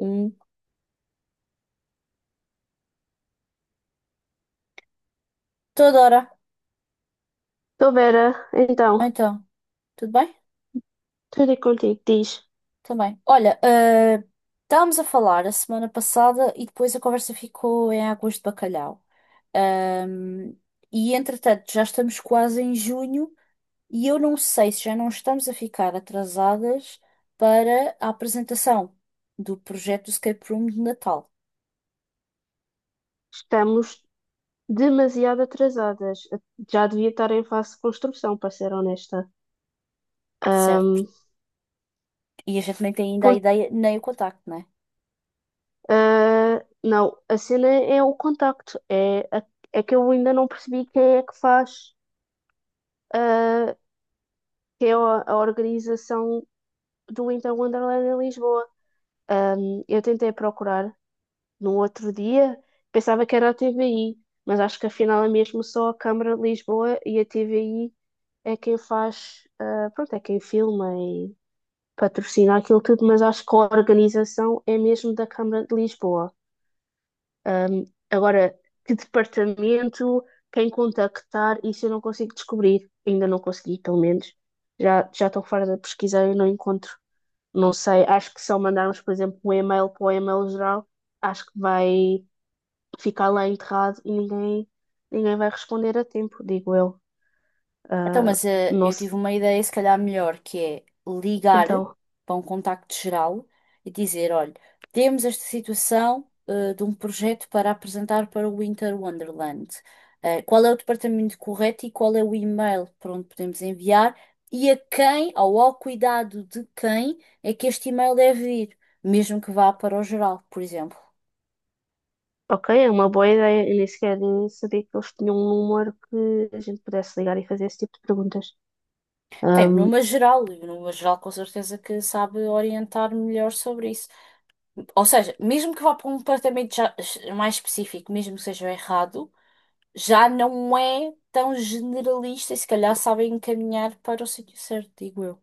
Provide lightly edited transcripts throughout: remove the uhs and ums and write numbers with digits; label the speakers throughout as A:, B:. A: Hum, toda hora.
B: Estou Vera, então,
A: Então, tudo bem?
B: tudo é contigo. Diz.
A: Também. Olha, estávamos a falar a semana passada e depois a conversa ficou em águas de bacalhau. Ahm, e entretanto, já estamos quase em junho e eu não sei se já não estamos a ficar atrasadas para a apresentação do projeto do Escape Room de Natal,
B: Estamos demasiado atrasadas. Já devia estar em fase de construção, para ser honesta.
A: certo?
B: Ahm,
A: E a gente nem tem ainda a
B: ponto-
A: ideia nem o contacto, né?
B: não, a cena é o contacto. É, é que eu ainda não percebi quem é que faz, ah, que é a organização do Então Wonderland em Lisboa. Eu tentei procurar. No outro dia, pensava que era a TVI, mas acho que afinal é mesmo só a Câmara de Lisboa e a TVI é quem faz, pronto, é quem filma e patrocina aquilo tudo, mas acho que a organização é mesmo da Câmara de Lisboa. Agora, que departamento, quem contactar, isso eu não consigo descobrir. Ainda não consegui, pelo menos. Já estou fora da pesquisa e não encontro. Não sei, acho que se eu mandarmos, por exemplo, um e-mail para o e-mail geral, acho que vai ficar lá enterrado e ninguém vai responder a tempo, digo eu.
A: Então,
B: Ah,
A: mas
B: não
A: eu tive
B: sei.
A: uma ideia, se calhar melhor, que é ligar
B: Então,
A: para um contacto geral e dizer: olha, temos esta situação de um projeto para apresentar para o Winter Wonderland. Qual é o departamento correto e qual é o e-mail para onde podemos enviar e a quem, ou ao cuidado de quem, é que este e-mail deve ir, mesmo que vá para o geral, por exemplo.
B: ok, é uma boa ideia. Eu nem sequer sabia que eles tinham um número que a gente pudesse ligar e fazer esse tipo de perguntas.
A: Tem o
B: Ahm,
A: número geral, e o número geral com certeza que sabe orientar melhor sobre isso. Ou seja, mesmo que vá para um departamento mais específico, mesmo que seja errado, já não é tão generalista e se calhar sabem encaminhar para o sítio certo, digo eu.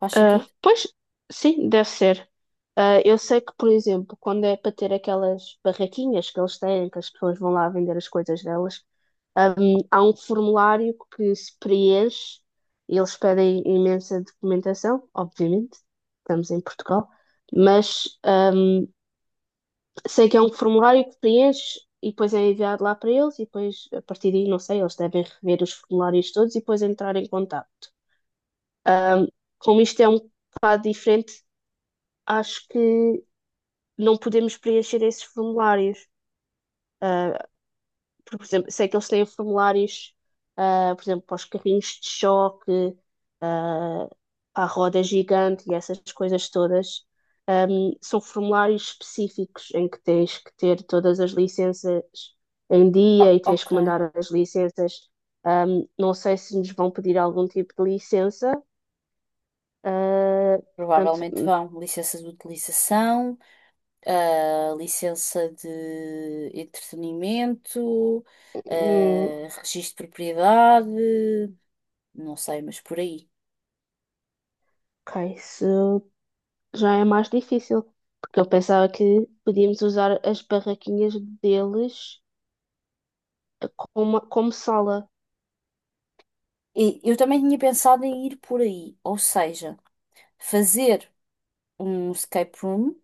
A: Faz
B: ah,
A: sentido?
B: pois, sim, deve ser. Eu sei que, por exemplo, quando é para ter aquelas barraquinhas que eles têm, que as pessoas vão lá vender as coisas delas. Há um formulário que se preenche e eles pedem imensa documentação, obviamente, estamos em Portugal, mas sei que é um formulário que preenche e depois é enviado lá para eles e depois, a partir daí, não sei, eles devem rever os formulários todos e depois entrar em contato. Ahm, como isto é um bocado diferente, acho que não podemos preencher esses formulários. Ah, porque, por exemplo, sei que eles têm formulários, por exemplo, para os carrinhos de choque, ah, à roda gigante e essas coisas todas. São formulários específicos em que tens que ter todas as licenças em dia
A: Ah,
B: e tens
A: ok.
B: que mandar as licenças. Não sei se nos vão pedir algum tipo de licença. ah, portanto,
A: Provavelmente vão. Licença de utilização, licença de entretenimento,
B: hum,
A: registro de propriedade, não sei, mas por aí.
B: ok, se já é mais difícil, porque eu pensava que podíamos usar as barraquinhas deles como sala.
A: E eu também tinha pensado em ir por aí, ou seja, fazer um escape room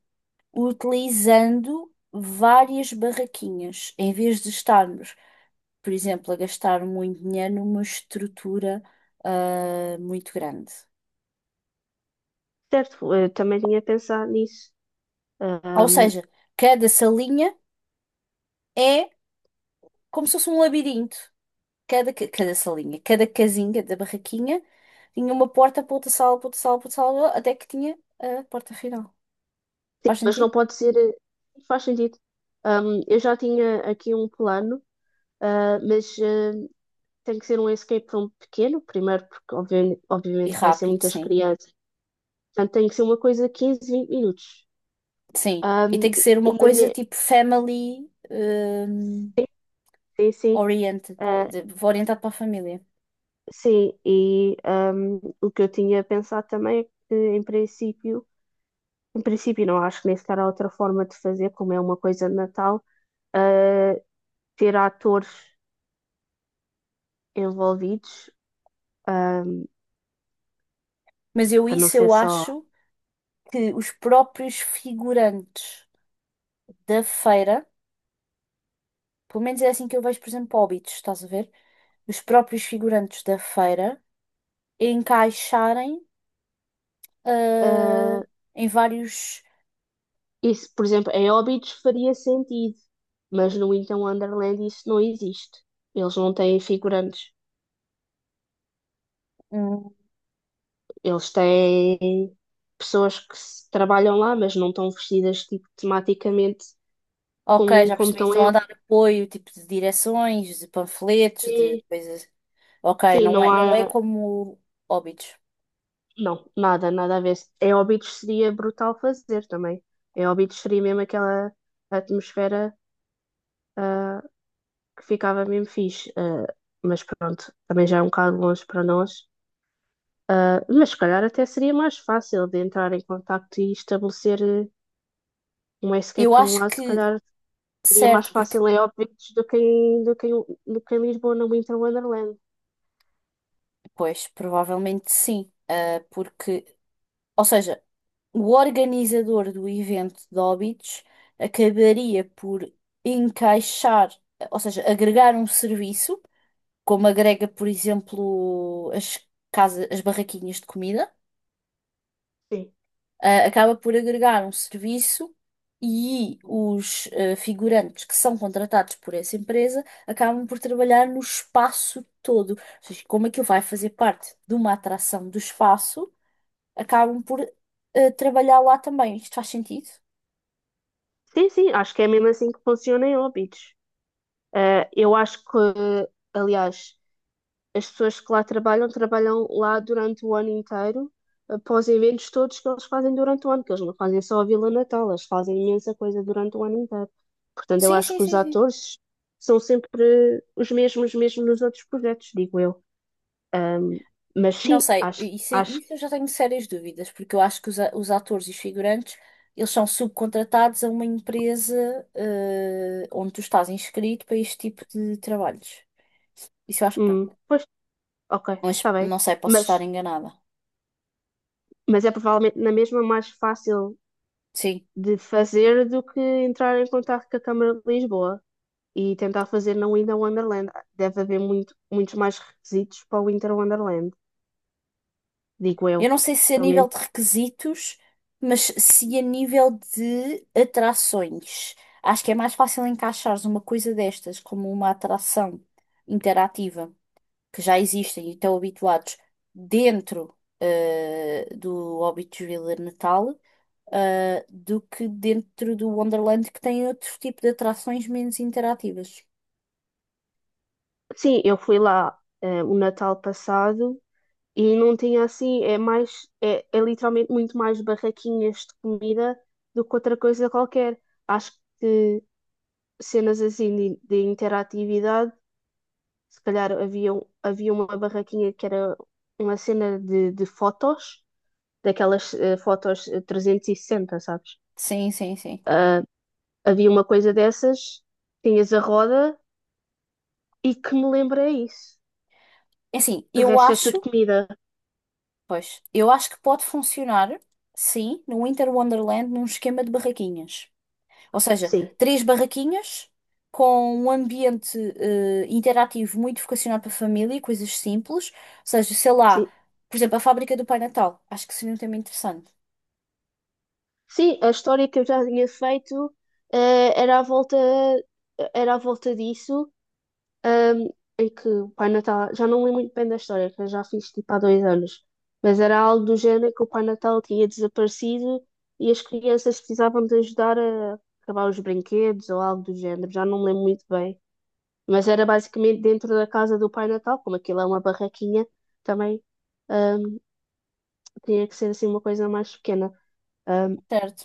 A: utilizando várias barraquinhas, em vez de estarmos, por exemplo, a gastar muito dinheiro numa estrutura muito grande.
B: Certo, eu também tinha pensado nisso.
A: Ou
B: Ahm,
A: seja, cada salinha é como se fosse um labirinto. Cada salinha, cada casinha da barraquinha tinha uma porta para outra sala, para outra sala, para outra sala, até que tinha a porta final.
B: sim,
A: Faz
B: mas
A: sentido?
B: não pode ser, faz sentido. Eu já tinha aqui um plano, mas tem que ser um escape room pequeno, primeiro, porque obviamente,
A: E
B: obviamente vai ser
A: rápido,
B: muitas
A: sim.
B: crianças. Portanto, tem que ser uma coisa de 15 20 minutos.
A: Sim. E
B: Ahm,
A: tem que ser
B: e
A: uma
B: na
A: coisa
B: minha,
A: tipo family. hum,
B: sim, sim.
A: oriented, orientado para a família.
B: Sim, e o que eu tinha pensado também é que, em princípio não acho que nem sequer há outra forma de fazer. Como é uma coisa de Natal, ah, ter atores envolvidos, ah,
A: Mas eu
B: para não
A: isso
B: ser
A: eu
B: só.
A: acho que os próprios figurantes da feira, pelo menos é assim que eu vejo, por exemplo, Hobbits, estás a ver? Os próprios figurantes da feira encaixarem ah,
B: ah,
A: em vários.
B: isso, por exemplo, em Óbidos faria sentido, mas no Então Wonderland isso não existe. Eles não têm figurantes,
A: Hum,
B: eles têm pessoas que trabalham lá, mas não estão vestidas tipo, tematicamente
A: ok,
B: como,
A: já
B: como
A: percebi,
B: estão
A: estão
B: em
A: a dar apoio, tipo de direções, de panfletos, de
B: Óbidos.
A: coisas. Ok,
B: Sim,
A: não
B: não
A: é, não é
B: há.
A: como Hobbits.
B: Não, nada, nada a ver. Em Óbidos seria brutal fazer também. Em Óbidos seria mesmo aquela atmosfera, ah, que ficava mesmo fixe. Mas pronto, também já é um bocado longe para nós. Mas se calhar até seria mais fácil de entrar em contacto e estabelecer um escape
A: Eu
B: para um
A: acho
B: lado. Se
A: que,
B: calhar seria mais
A: certo, porque
B: fácil em Óbidos do que em, do que em Lisboa, no Winter Wonderland.
A: pois, provavelmente sim, ah, porque, ou seja, o organizador do evento de óbitos acabaria por encaixar, ou seja, agregar um serviço, como agrega, por exemplo, as casas, as barraquinhas de comida,
B: Sim.
A: ah, acaba por agregar um serviço e os figurantes que são contratados por essa empresa acabam por trabalhar no espaço todo. Ou seja, como aquilo vai fazer parte de uma atração do espaço acabam por trabalhar lá também. Isto faz sentido?
B: Sim, sim, acho que é mesmo assim que funciona em Óbidos. Eu acho que, aliás, as pessoas que lá trabalham, trabalham lá durante o ano inteiro, após eventos todos que eles fazem durante o ano, que eles não fazem só a Vila Natal, eles fazem imensa coisa durante o ano inteiro. Portanto, eu
A: Sim,
B: acho
A: sim,
B: que os
A: sim, sim.
B: atores são sempre os mesmos, mesmo nos outros projetos, digo eu. Ahm, mas
A: Não
B: sim,
A: sei,
B: acho,
A: isso,
B: acho,
A: isso eu já tenho sérias dúvidas, porque eu acho que os atores e os figurantes, eles são subcontratados a uma empresa, onde tu estás inscrito para este tipo de trabalhos. Isso eu acho que não.
B: pois, ok,
A: Mas
B: está bem.
A: não sei, posso
B: Mas,
A: estar enganada.
B: mas é provavelmente na mesma mais fácil
A: Sim.
B: de fazer do que entrar em contato com a Câmara de Lisboa e tentar fazer na Winter Wonderland. Deve haver muito, muitos mais requisitos para o Winter Wonderland, digo
A: Eu
B: eu.
A: não sei se a
B: Pelo
A: nível
B: menos.
A: de requisitos, mas se a nível de atrações. Acho que é mais fácil encaixares uma coisa destas como uma atração interativa. Que já existem e estão habituados dentro do Hobbitsville de Natal, do que dentro do Wonderland que tem outro tipo de atrações menos interativas.
B: Sim, eu fui lá o Natal passado e não tinha assim, é mais, é literalmente muito mais barraquinhas de comida do que outra coisa qualquer. Acho que cenas assim de interatividade, se calhar havia uma barraquinha que era uma cena de fotos, daquelas fotos 360, sabes?
A: Sim, sim, sim.
B: Ah, Havia uma coisa dessas, tinhas a roda e que me lembra é isso.
A: É assim,
B: O
A: eu
B: resto é tudo
A: acho,
B: comida.
A: pois, eu acho que pode funcionar, sim, no Winter Wonderland num esquema de barraquinhas. Ou seja,
B: Sim,
A: três barraquinhas com um ambiente interativo muito vocacionado para a família, coisas simples. Ou seja, sei lá,
B: sim.
A: por exemplo, a fábrica do Pai Natal. Acho que seria um tema interessante.
B: Sim, a história que eu já tinha feito, eh, era à volta, era à volta disso, ahm, em que o Pai Natal, já não lembro muito bem da história, que eu já fiz tipo há 2 anos, mas era algo do género que o Pai Natal tinha desaparecido e as crianças precisavam de ajudar a acabar os brinquedos ou algo do género, já não lembro muito bem. Mas era basicamente dentro da casa do Pai Natal, como aquilo é uma barraquinha, também ahm, tinha que ser assim uma coisa mais pequena. Ahm,
A: Certo.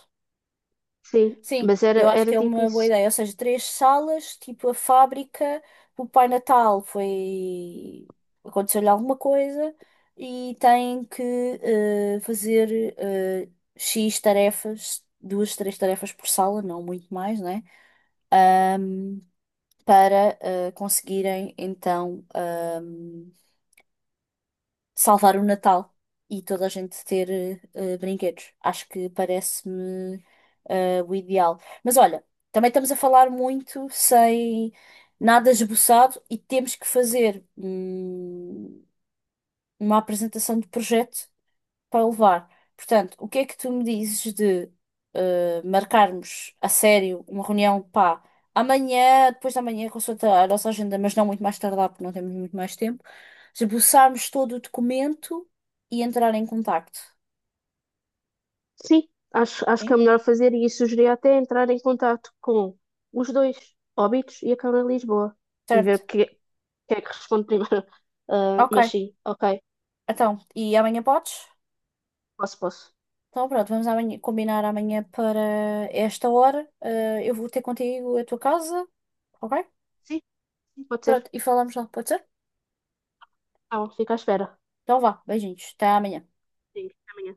B: sim,
A: Sim,
B: mas
A: eu
B: era,
A: acho que
B: era
A: é
B: tipo
A: uma boa
B: isso.
A: ideia. Ou seja, três salas, tipo a fábrica, o Pai Natal foi. Aconteceu-lhe alguma coisa e tem que fazer X tarefas, duas, três tarefas por sala, não muito mais, né? Para conseguirem então salvar o Natal e toda a gente ter brinquedos. Acho que parece-me o ideal. Mas olha, também estamos a falar muito sem nada esboçado e temos que fazer uma apresentação de projeto para levar. Portanto, o que é que tu me dizes de marcarmos a sério uma reunião, pá, amanhã, depois da manhã, consulta a nossa agenda, mas não muito mais tardar, porque não temos muito mais tempo, esboçarmos todo o documento e entrar em contacto.
B: Sim, acho, acho que é
A: Sim?
B: melhor fazer e sugeria até entrar em contato com os dois, Óbidos e a Câmara de Lisboa, e
A: Certo.
B: ver o que, que é que responde primeiro. Ah,
A: Ok.
B: mas sim, ok,
A: Então, e amanhã podes?
B: posso, posso.
A: Então, pronto, vamos amanhã, combinar amanhã para esta hora. Eu vou ter contigo a tua casa, ok?
B: Sim, sim, pode ser.
A: Pronto, e falamos lá, pode ser?
B: Então, fico à espera.
A: Então vá, beijinhos, até amanhã.
B: Sim, até amanhã.